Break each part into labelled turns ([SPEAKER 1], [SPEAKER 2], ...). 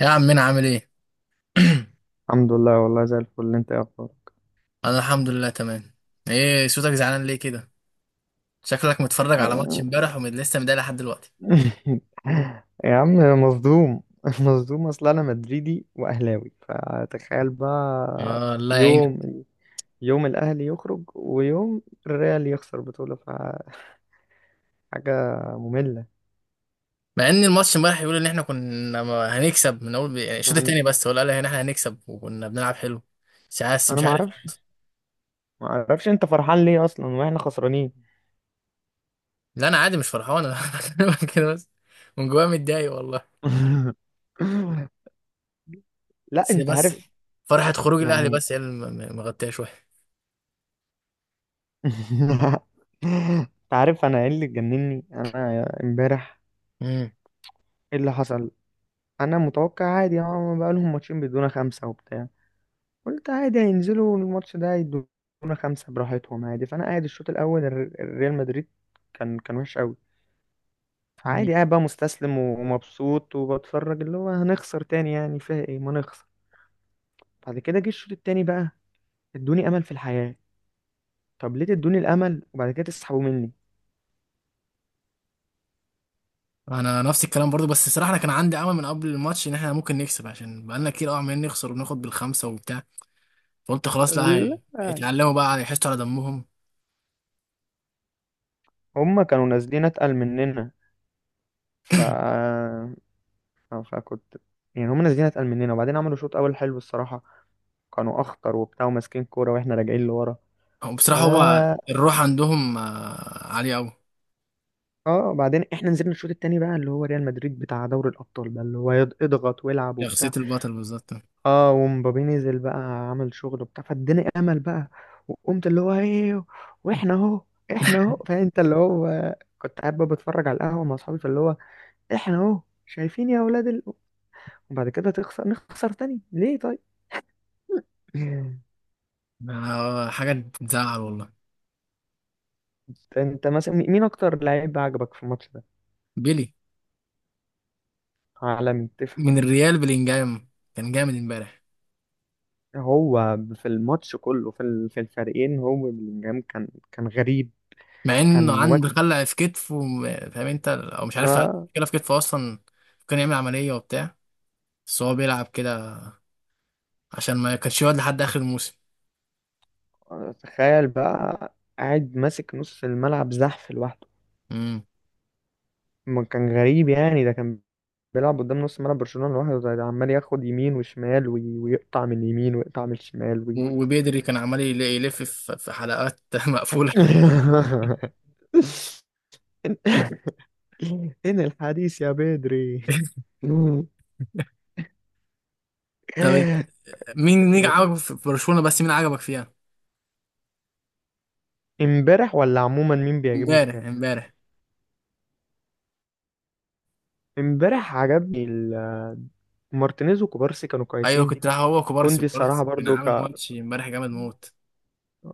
[SPEAKER 1] يا عم، مين عامل ايه؟
[SPEAKER 2] الحمد لله، والله زي الفل. انت ايه اخبارك؟
[SPEAKER 1] انا الحمد لله تمام. ايه صوتك زعلان ليه كده؟ شكلك متفرج على ماتش
[SPEAKER 2] آه.
[SPEAKER 1] امبارح ولسه مضايق لحد دلوقتي.
[SPEAKER 2] يا عم، مصدوم. مصدوم، اصل انا مدريدي واهلاوي، فتخيل بقى.
[SPEAKER 1] آه، الله يعينك.
[SPEAKER 2] يوم يوم الاهلي يخرج ويوم الريال يخسر بطولة، فحاجة مملة.
[SPEAKER 1] مع ان الماتش امبارح يقول ان احنا كنا هنكسب من اول، يعني الشوط
[SPEAKER 2] انا
[SPEAKER 1] التاني بس، ولا قال ان احنا هنكسب وكنا بنلعب حلو. مش عارف،
[SPEAKER 2] انا
[SPEAKER 1] مش
[SPEAKER 2] ما
[SPEAKER 1] عارف.
[SPEAKER 2] اعرفش. انت فرحان ليه اصلا واحنا خسرانين؟
[SPEAKER 1] لا، انا عادي مش فرحان، انا بكلمك كده بس. من جوايا متضايق والله.
[SPEAKER 2] لا،
[SPEAKER 1] بس
[SPEAKER 2] انت
[SPEAKER 1] بس
[SPEAKER 2] عارف.
[SPEAKER 1] فرحة خروج الاهلي
[SPEAKER 2] يعني.
[SPEAKER 1] بس هي اللي مغطيه شويه.
[SPEAKER 2] انت عارف انا ايه اللي جنني انا امبارح؟ ايه اللي حصل؟ انا متوقع، عادي، اه، بقى لهم ماتشين بيدونا خمسه وبتاع. قلت عادي هينزلوا الماتش ده يدونا خمسه براحتهم عادي. فانا قاعد الشوط الاول، الريال مدريد كان وحش قوي.
[SPEAKER 1] مم.
[SPEAKER 2] فعادي قاعد بقى مستسلم ومبسوط وبتفرج، اللي هو هنخسر تاني، يعني فيها ايه ما نخسر. بعد كده جه الشوط التاني بقى، ادوني امل في الحياه. طب ليه تدوني الامل وبعد كده تسحبوا مني؟
[SPEAKER 1] انا نفس الكلام برضو، بس الصراحه انا كان عندي امل من قبل الماتش ان احنا ممكن نكسب، عشان بقالنا كتير قوي عمالين نخسر وبناخد بالخمسه وبتاع. فقلت خلاص، لا
[SPEAKER 2] لا،
[SPEAKER 1] اتعلموا بقى يحسوا على دمهم.
[SPEAKER 2] هما كانوا نازلين اتقل مننا. ف فكنت يعني هما نازلين اتقل مننا وبعدين عملوا شوط اول حلو الصراحه، كانوا اخطر وبتاع وماسكين كوره واحنا راجعين لورا.
[SPEAKER 1] هو
[SPEAKER 2] ف
[SPEAKER 1] بصراحه، هو الروح عندهم عاليه قوي.
[SPEAKER 2] اه، بعدين احنا نزلنا الشوط التاني بقى اللي هو ريال مدريد بتاع دوري الابطال بقى، اللي هو اضغط والعب
[SPEAKER 1] شخصيه
[SPEAKER 2] وبتاع.
[SPEAKER 1] البطل بالظبط.
[SPEAKER 2] اه، ومبابي نزل بقى، عمل شغل وبتاع، فاداني امل بقى. وقمت اللي هو ايه، واحنا اهو، احنا اهو فانت اللي هو، كنت قاعد بقى بتفرج على القهوه مع اصحابي، فاللي هو احنا اهو شايفين يا اولاد ال... وبعد كده تخسر، نخسر تاني ليه طيب؟
[SPEAKER 1] آه، حاجه تزعل والله.
[SPEAKER 2] انت مثلا مين اكتر لعيب عجبك في الماتش ده؟
[SPEAKER 1] بيلي.
[SPEAKER 2] عالمي.
[SPEAKER 1] من الريال بلينجهام، كان جامد امبارح.
[SPEAKER 2] هو في الماتش كله، في الفريقين، هو بلينجهام كان غريب.
[SPEAKER 1] مع انه
[SPEAKER 2] كان
[SPEAKER 1] عنده خلع في كتفه وم- فاهم انت او مش عارف؟ عنده
[SPEAKER 2] وقتها.
[SPEAKER 1] مشكله في كتفه اصلا، كان يعمل عمليه وبتاع. بس هو بيلعب كده عشان ما كانش يقعد لحد اخر الموسم.
[SPEAKER 2] تخيل بقى، قاعد ماسك نص الملعب زحف لوحده. ما كان غريب، يعني ده كان بيلعب قدام نص ملعب برشلونة لوحده. ده عمال ياخد يمين وشمال ويقطع من اليمين ويقطع من الشمال وي...
[SPEAKER 1] و- وبيدري كان عمال يلف في حلقات مقفولة.
[SPEAKER 2] إن الحديث يا بدري.
[SPEAKER 1] طب، مين عجبك في برشلونة؟ بس مين عجبك فيها؟
[SPEAKER 2] امبارح ولا عموما مين بيعجبني
[SPEAKER 1] امبارح،
[SPEAKER 2] فيها؟
[SPEAKER 1] امبارح.
[SPEAKER 2] امبارح عجبني مارتينيز وكوبارسي كانوا
[SPEAKER 1] ايوه،
[SPEAKER 2] كويسين.
[SPEAKER 1] كنت رايح، هو كوبارسي،
[SPEAKER 2] كوندي الصراحة
[SPEAKER 1] كوبارسي كان
[SPEAKER 2] برضو
[SPEAKER 1] عامل
[SPEAKER 2] ك...
[SPEAKER 1] ماتش امبارح جامد موت.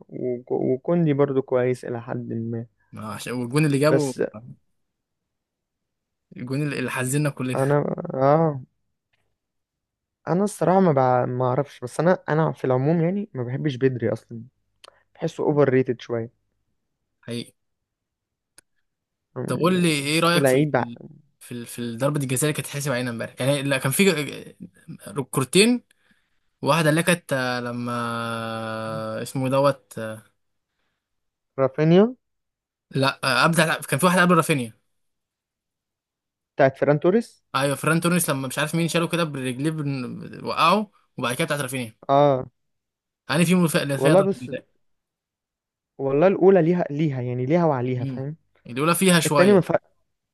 [SPEAKER 2] وكوندي برضو كويس إلى حد ما.
[SPEAKER 1] ما عشان والجون اللي جابه،
[SPEAKER 2] بس
[SPEAKER 1] الجون اللي حزننا
[SPEAKER 2] أنا،
[SPEAKER 1] كلنا.
[SPEAKER 2] آه، أنا الصراحة ما بع... ما أعرفش. بس أنا في العموم يعني ما بحبش بدري أصلا، بحسه أوفر ريتد شوية.
[SPEAKER 1] حقيقي. طب قول لي، ايه
[SPEAKER 2] بحسه
[SPEAKER 1] رأيك في
[SPEAKER 2] لعيب
[SPEAKER 1] في في, في ضربة الجزاء اللي كانت حسب علينا امبارح؟ يعني لا، كان في كورتين. واحدة اللي كانت لما اسمه دوت
[SPEAKER 2] رافينيا.
[SPEAKER 1] لا، ابدع. كان في واحدة قبل رافينيا.
[SPEAKER 2] بتاعت فيران توريس.
[SPEAKER 1] ايوه، فران توريس، لما مش عارف مين شاله كده برجليه وقعه. وبعد كده بتاعت رافينيا.
[SPEAKER 2] آه.
[SPEAKER 1] هاني في اللي فيها
[SPEAKER 2] والله
[SPEAKER 1] ضربه
[SPEAKER 2] بس،
[SPEAKER 1] جزاء.
[SPEAKER 2] والله الأولى ليها، ليها يعني، ليها وعليها،
[SPEAKER 1] امم.
[SPEAKER 2] فاهم.
[SPEAKER 1] الاولى فيها
[SPEAKER 2] التانية ما
[SPEAKER 1] شويه.
[SPEAKER 2] فيها.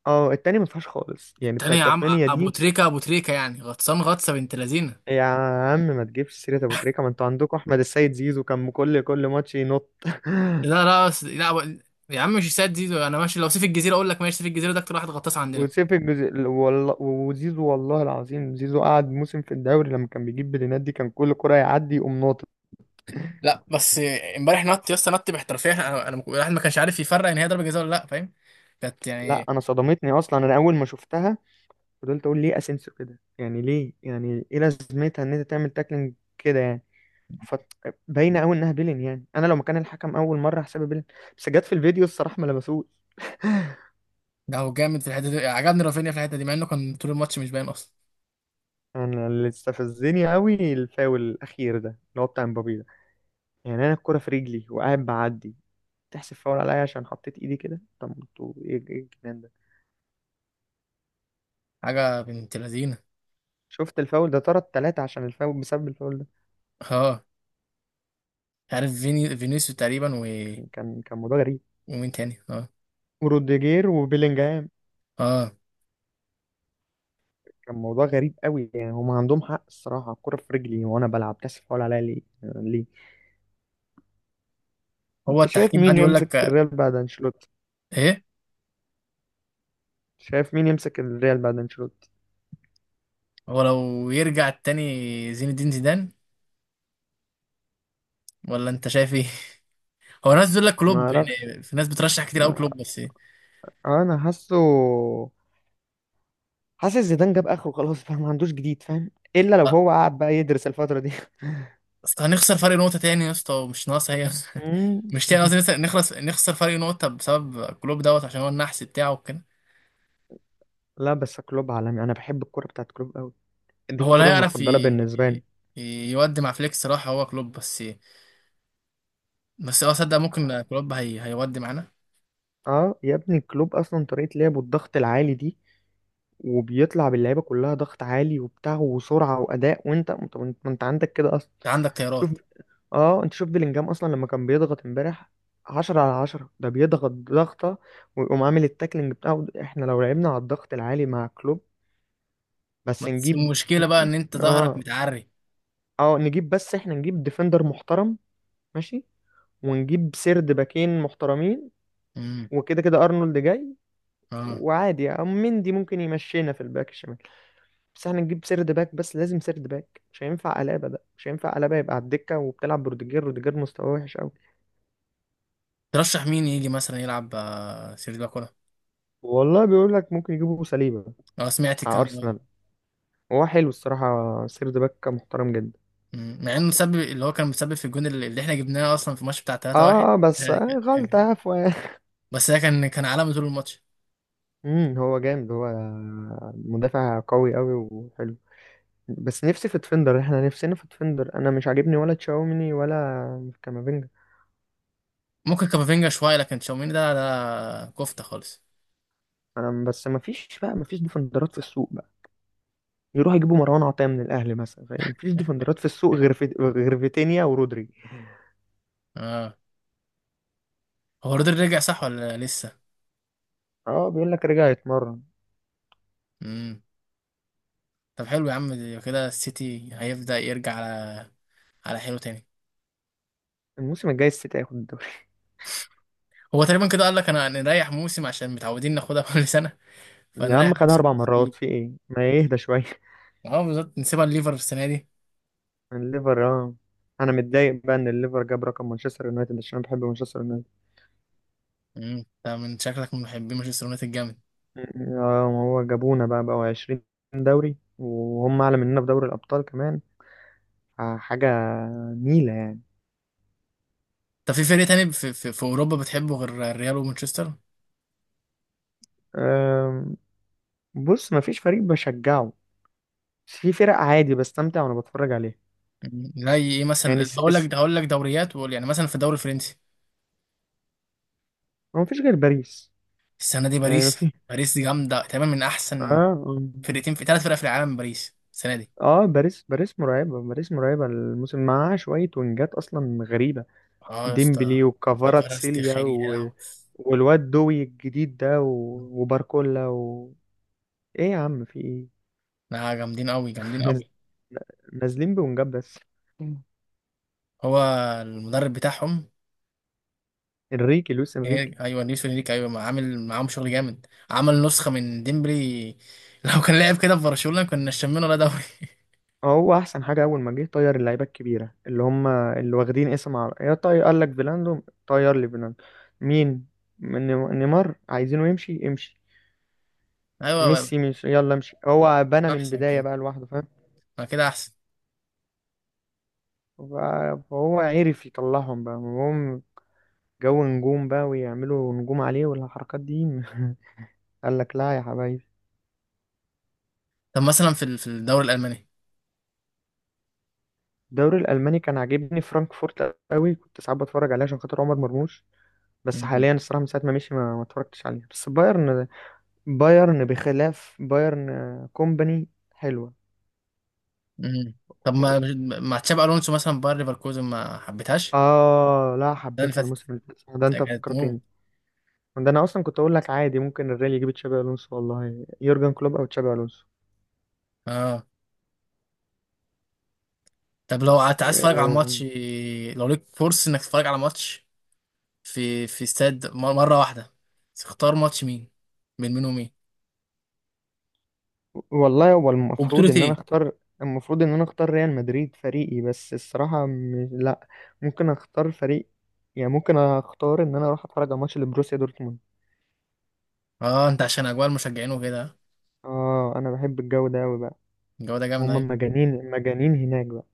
[SPEAKER 2] اه، التانية ما فيهاش خالص، يعني
[SPEAKER 1] التانية يا
[SPEAKER 2] بتاعت
[SPEAKER 1] عم،
[SPEAKER 2] رافينيا
[SPEAKER 1] ابو
[SPEAKER 2] دي.
[SPEAKER 1] تريكه، ابو تريكه يعني غطسان غطسه بنت لذينه.
[SPEAKER 2] يا عم ما تجيبش سيرة ابو تريكة، ما انتوا عندكم احمد السيد زيزو، كان كل ماتش ينط.
[SPEAKER 1] لا، لا، لا يا عم مش ساد دي، ده انا ماشي، لو سيف الجزيره اقول لك ماشي. سيف الجزيره ده اكتر واحد غطاس عندنا.
[SPEAKER 2] والله، وزيزو والله العظيم، زيزو قعد موسم في الدوري لما كان بيجيب بلينات دي كان كل كرة يعدي يقوم ناطط.
[SPEAKER 1] لا بس. امبارح نط يا اسطى، نط باحترافيه. انا الواحد ما كانش عارف يفرق ان هي ضربه جزاء ولا لا، فاهم. كانت
[SPEAKER 2] لا
[SPEAKER 1] يعني.
[SPEAKER 2] انا صدمتني اصلا، انا اول ما شفتها فضلت اقول ليه اسينسيو كده؟ يعني ليه؟ يعني ايه لازمتها ان انت تعمل تاكلينج كده يعني؟ فباينه قوي انها بيلين، يعني انا لو مكان الحكم اول مره هحسبها بيلين. بس جت في الفيديو الصراحه ما لمسوش.
[SPEAKER 1] ده هو جامد في الحته دي، عجبني رافينيا في الحته دي مع انه كان طول الماتش مش باين اصلا.
[SPEAKER 2] انا اللي استفزني قوي الفاول الاخير ده اللي هو بتاع مبابي ده. يعني انا الكرة في رجلي وقاعد بعدي تحسب فاول عليا عشان حطيت ايدي كده؟ طب انتوا ايه، ايه الجنان ده؟
[SPEAKER 1] حاجه بنت لذينه.
[SPEAKER 2] شفت الفاول ده طرد ثلاثة عشان الفاول، بسبب الفاول ده.
[SPEAKER 1] اه، عارف فينيسيو تقريبا و...
[SPEAKER 2] كان موضوع غريب.
[SPEAKER 1] ومين تاني؟ اه.
[SPEAKER 2] وروديجير وبيلينجهام،
[SPEAKER 1] اه،
[SPEAKER 2] كان موضوع غريب قوي. يعني هم عندهم حق الصراحة، الكرة في رجلي وانا بلعب تحسب فاول عليا ليه؟ ليه؟
[SPEAKER 1] هو
[SPEAKER 2] انت شايف
[SPEAKER 1] التحكيم قاعد
[SPEAKER 2] مين
[SPEAKER 1] يقول
[SPEAKER 2] يمسك
[SPEAKER 1] لك
[SPEAKER 2] الريال بعد انشيلوتي؟
[SPEAKER 1] ايه.
[SPEAKER 2] شايف مين يمسك الريال بعد انشيلوتي؟
[SPEAKER 1] هو لو يرجع التاني زين الدين زيدان، ولا انت شايف ايه؟ هو ناس بتقول لك
[SPEAKER 2] ما
[SPEAKER 1] كلوب،
[SPEAKER 2] اعرفش.
[SPEAKER 1] يعني في ناس بترشح كتير قوي
[SPEAKER 2] ما-
[SPEAKER 1] كلوب، بس إيه؟
[SPEAKER 2] انا حاسه، حاسس زيدان جاب اخره خلاص، فاهم؟ ما عندوش جديد، فاهم؟ الا لو
[SPEAKER 1] لا،
[SPEAKER 2] هو قعد بقى يدرس الفتره دي.
[SPEAKER 1] أصل هنخسر فرق نقطة تاني يا اسطى، ومش ناقصة هي.
[SPEAKER 2] مم.
[SPEAKER 1] مش تاني قصدي نخسر، نخسر فرق نقطة بسبب كلوب دوت، عشان هو النحس بتاعه وكده.
[SPEAKER 2] لا، بس كلوب عالمي، انا بحب الكوره بتاعت كلوب قوي. دي
[SPEAKER 1] هو لا
[SPEAKER 2] الكوره
[SPEAKER 1] يعرف
[SPEAKER 2] المفضله بالنسبه لي.
[SPEAKER 1] يودي مع فليكس صراحة، هو كلوب بس إيه؟ بس اه صدق، ممكن كلوب هيودي معانا.
[SPEAKER 2] اه يا ابني كلوب اصلا طريقه لعبه الضغط العالي دي، وبيطلع باللعيبه كلها ضغط عالي وبتاع، وسرعه واداء، وانت انت انت عندك كده اصلا.
[SPEAKER 1] انت عندك
[SPEAKER 2] شوف،
[SPEAKER 1] خيارات.
[SPEAKER 2] اه انت شوف بلينجهام اصلا لما كان بيضغط امبارح عشرة على عشرة، ده بيضغط ضغطة ويقوم عامل التاكلينج بتاعه. احنا لو لعبنا على الضغط العالي مع كلوب، بس
[SPEAKER 1] بس
[SPEAKER 2] نجيب
[SPEAKER 1] المشكلة بقى
[SPEAKER 2] ن-
[SPEAKER 1] إن أنت
[SPEAKER 2] ن-
[SPEAKER 1] ظهرك
[SPEAKER 2] اه
[SPEAKER 1] متعري.
[SPEAKER 2] اه نجيب. بس احنا نجيب ديفندر محترم، ماشي، ونجيب سيرد باكين محترمين.
[SPEAKER 1] امم.
[SPEAKER 2] وكده كده ارنولد جاي،
[SPEAKER 1] اه.
[SPEAKER 2] وعادي او مندي ممكن يمشينا في الباك الشمال. بس احنا نجيب سيرد باك، بس لازم سيرد باك. مش هينفع قلابه، ده مش هينفع قلابه، يبقى على الدكه وبتلعب بروديجير. روديجير مستواه وحش قوي.
[SPEAKER 1] ترشح مين يجي مثلا يلعب سيرجي باكولا؟
[SPEAKER 2] والله بيقول لك ممكن يجيبوا سليبه
[SPEAKER 1] اه، سمعت
[SPEAKER 2] بتاع
[SPEAKER 1] الكلام ده.
[SPEAKER 2] ارسنال، هو حلو الصراحه، سيرد باك محترم جدا.
[SPEAKER 1] مم. مع إنه مسبب، اللي هو كان مسبب في الجون اللي إحنا جبناه أصلا في الماتش بتاع 3-1.
[SPEAKER 2] اه بس،
[SPEAKER 1] ده
[SPEAKER 2] آه،
[SPEAKER 1] كان
[SPEAKER 2] غلطه
[SPEAKER 1] جامد.
[SPEAKER 2] عفوا.
[SPEAKER 1] بس ده كان عالمي طول الماتش.
[SPEAKER 2] امم، هو جامد، هو مدافع قوي قوي وحلو. بس نفسي في تفندر، احنا نفسنا في تفندر. انا مش عاجبني ولا تشاوميني ولا كامافينجا.
[SPEAKER 1] ممكن كامافينجا شوية لكن تشاوميني ده كفتة خالص.
[SPEAKER 2] انا بس ما فيش بقى، ما فيش ديفندرات في السوق بقى. يروحوا يجيبوا مروان عطية من الاهلي مثلا، فاهم؟ ما فيش ديفندرات في السوق غير في... غير فيتينيا ورودري.
[SPEAKER 1] اه. هو رودري رجع صح ولا لسه؟
[SPEAKER 2] اه بيقول لك رجع يتمرن.
[SPEAKER 1] امم. طب حلو يا عم، دي كده السيتي هيبدأ يرجع على حلو تاني.
[SPEAKER 2] الموسم الجاي السيتي هياخد الدوري.
[SPEAKER 1] هو تقريبا كده قال لك انا نريح موسم، عشان متعودين ناخدها كل سنه،
[SPEAKER 2] يا
[SPEAKER 1] فنريح
[SPEAKER 2] عم خدها اربع
[SPEAKER 1] نسيب.
[SPEAKER 2] مرات في ايه، ما يهدى شويه.
[SPEAKER 1] اه بالظبط، نسيبها الليفر في السنه دي.
[SPEAKER 2] الليفر، اه. انا متضايق بقى ان الليفر جاب رقم مانشستر يونايتد، عشان أنا بحب مانشستر يونايتد.
[SPEAKER 1] مم. انت من شكلك من محبين مانشستر يونايتد جامد.
[SPEAKER 2] آه، ما هو جابونا بقى بقوا 20 دوري، وهم أعلى مننا في دوري الأبطال كمان. حاجة نيلة يعني.
[SPEAKER 1] طب في فريق تاني في اوروبا بتحبه غير الريال ومانشستر؟
[SPEAKER 2] آم، بص مفيش فريق بشجعه، بس في فرق عادي بستمتع وأنا بتفرج عليها.
[SPEAKER 1] مم. زي ايه
[SPEAKER 2] يعني
[SPEAKER 1] مثلا؟
[SPEAKER 2] اس
[SPEAKER 1] هقول
[SPEAKER 2] اس
[SPEAKER 1] لك هقول لك دوريات وقول، يعني مثلا في الدوري الفرنسي.
[SPEAKER 2] هو مفيش غير باريس.
[SPEAKER 1] السنه دي
[SPEAKER 2] يعني
[SPEAKER 1] باريس،
[SPEAKER 2] مفيش.
[SPEAKER 1] باريس دي جامده تقريبا من احسن
[SPEAKER 2] اه.
[SPEAKER 1] فرقتين في 3 فرق في العالم، باريس السنه دي.
[SPEAKER 2] اه باريس، باريس مرعبة، باريس مرعبة. الموسم معاها شوية وينجات أصلا غريبة.
[SPEAKER 1] اه يا
[SPEAKER 2] ديمبلي
[SPEAKER 1] اسطى، فرس
[SPEAKER 2] وكفاراتسيليا
[SPEAKER 1] تخيري يا
[SPEAKER 2] و...
[SPEAKER 1] لهوي.
[SPEAKER 2] والواد دوي الجديد ده و... وباركولا و... ايه يا عم في ايه؟
[SPEAKER 1] لا، جامدين قوي، جامدين
[SPEAKER 2] ناز-
[SPEAKER 1] قوي.
[SPEAKER 2] نازلين بونجاب بس.
[SPEAKER 1] هو المدرب بتاعهم؟
[SPEAKER 2] انريكي، لويس انريكي.
[SPEAKER 1] إيه، ايوه نيسو ليك، ايوه ما عامل معاهم شغل جامد، عمل نسخه من ديمبلي لو كان لعب كده في برشلونه كنا شمينا ولا دوري.
[SPEAKER 2] اه، هو احسن حاجه اول ما جه طير اللعيبه الكبيره اللي هم اللي واخدين اسم، على يا طير، قال لك فيلاندو، طير لي فيلاندو. مين؟ من؟ نيمار عايزينه يمشي، يمشي.
[SPEAKER 1] ايوه
[SPEAKER 2] ميسي، مش يلا امشي. هو بنى من
[SPEAKER 1] احسن
[SPEAKER 2] البدايه
[SPEAKER 1] كده،
[SPEAKER 2] بقى لوحده، فاهم؟
[SPEAKER 1] ما كده احسن.
[SPEAKER 2] ف- فهو عرف يطلعهم بقى، هم جو نجوم بقى ويعملوا نجوم عليه والحركات دي. قال لك لا يا حبايبي.
[SPEAKER 1] طب مثلا في الدوري الالماني.
[SPEAKER 2] الدوري الالماني كان عاجبني فرانكفورت قوي، كنت ساعات بتفرج عليه عشان خاطر عمر مرموش. بس
[SPEAKER 1] مم.
[SPEAKER 2] حاليا الصراحه من ساعه ما مشي ما اتفرجتش عليه، بس بايرن. بايرن، بخلاف بايرن، آه، كومباني حلوه.
[SPEAKER 1] مم. طب
[SPEAKER 2] كو-
[SPEAKER 1] ما مع تشابي الونسو مثلا باير ليفركوزن، ما حبيتهاش؟
[SPEAKER 2] اه لا،
[SPEAKER 1] السنه اللي
[SPEAKER 2] حبيتها
[SPEAKER 1] فاتت
[SPEAKER 2] الموسم اللي فات، صح، ده انت
[SPEAKER 1] كانت موت.
[SPEAKER 2] فكرتني. ده انا اصلا كنت اقول لك عادي ممكن الريال يجيب تشابي الونسو، والله يورجن كلوب او تشابي الونسو.
[SPEAKER 1] اه. طب لو عايز تتفرج على
[SPEAKER 2] آه،
[SPEAKER 1] ماتش، لو ليك فرصه انك تتفرج على ماتش في استاد مره واحده، تختار ماتش مين؟ من مين ومين؟
[SPEAKER 2] والله هو المفروض
[SPEAKER 1] وبطوله
[SPEAKER 2] ان انا
[SPEAKER 1] ايه؟
[SPEAKER 2] اختار، المفروض ان انا اختار ريال مدريد فريقي، بس الصراحة م... لا، ممكن اختار فريق. يعني ممكن اختار ان انا اروح اتفرج على ماتش لبروسيا دورتموند.
[SPEAKER 1] اه، انت عشان اجواء المشجعين وكده.
[SPEAKER 2] اه انا بحب الجو ده قوي بقى،
[SPEAKER 1] الجو ده جامد
[SPEAKER 2] هما
[SPEAKER 1] اهي.
[SPEAKER 2] مجانين، مجانين هناك بقى.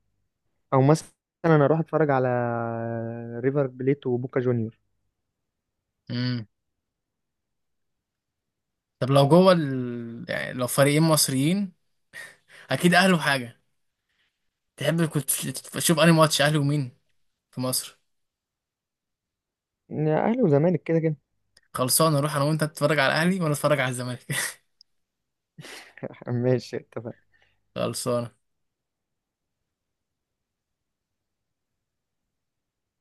[SPEAKER 2] او مثلا انا اروح اتفرج على ريفر بليت وبوكا جونيور.
[SPEAKER 1] امم. طب لو جوه يعني لو فريقين مصريين، اكيد اهلي وحاجه. تحب كنت تشوف انهي ماتش اهلي ومين في مصر؟
[SPEAKER 2] يعني اهلي وزمالك كده كده.
[SPEAKER 1] خلصانه، نروح انا وانت، تتفرج على الاهلي وانا اتفرج على الزمالك.
[SPEAKER 2] ماشي، اتفقنا.
[SPEAKER 1] خلصانه.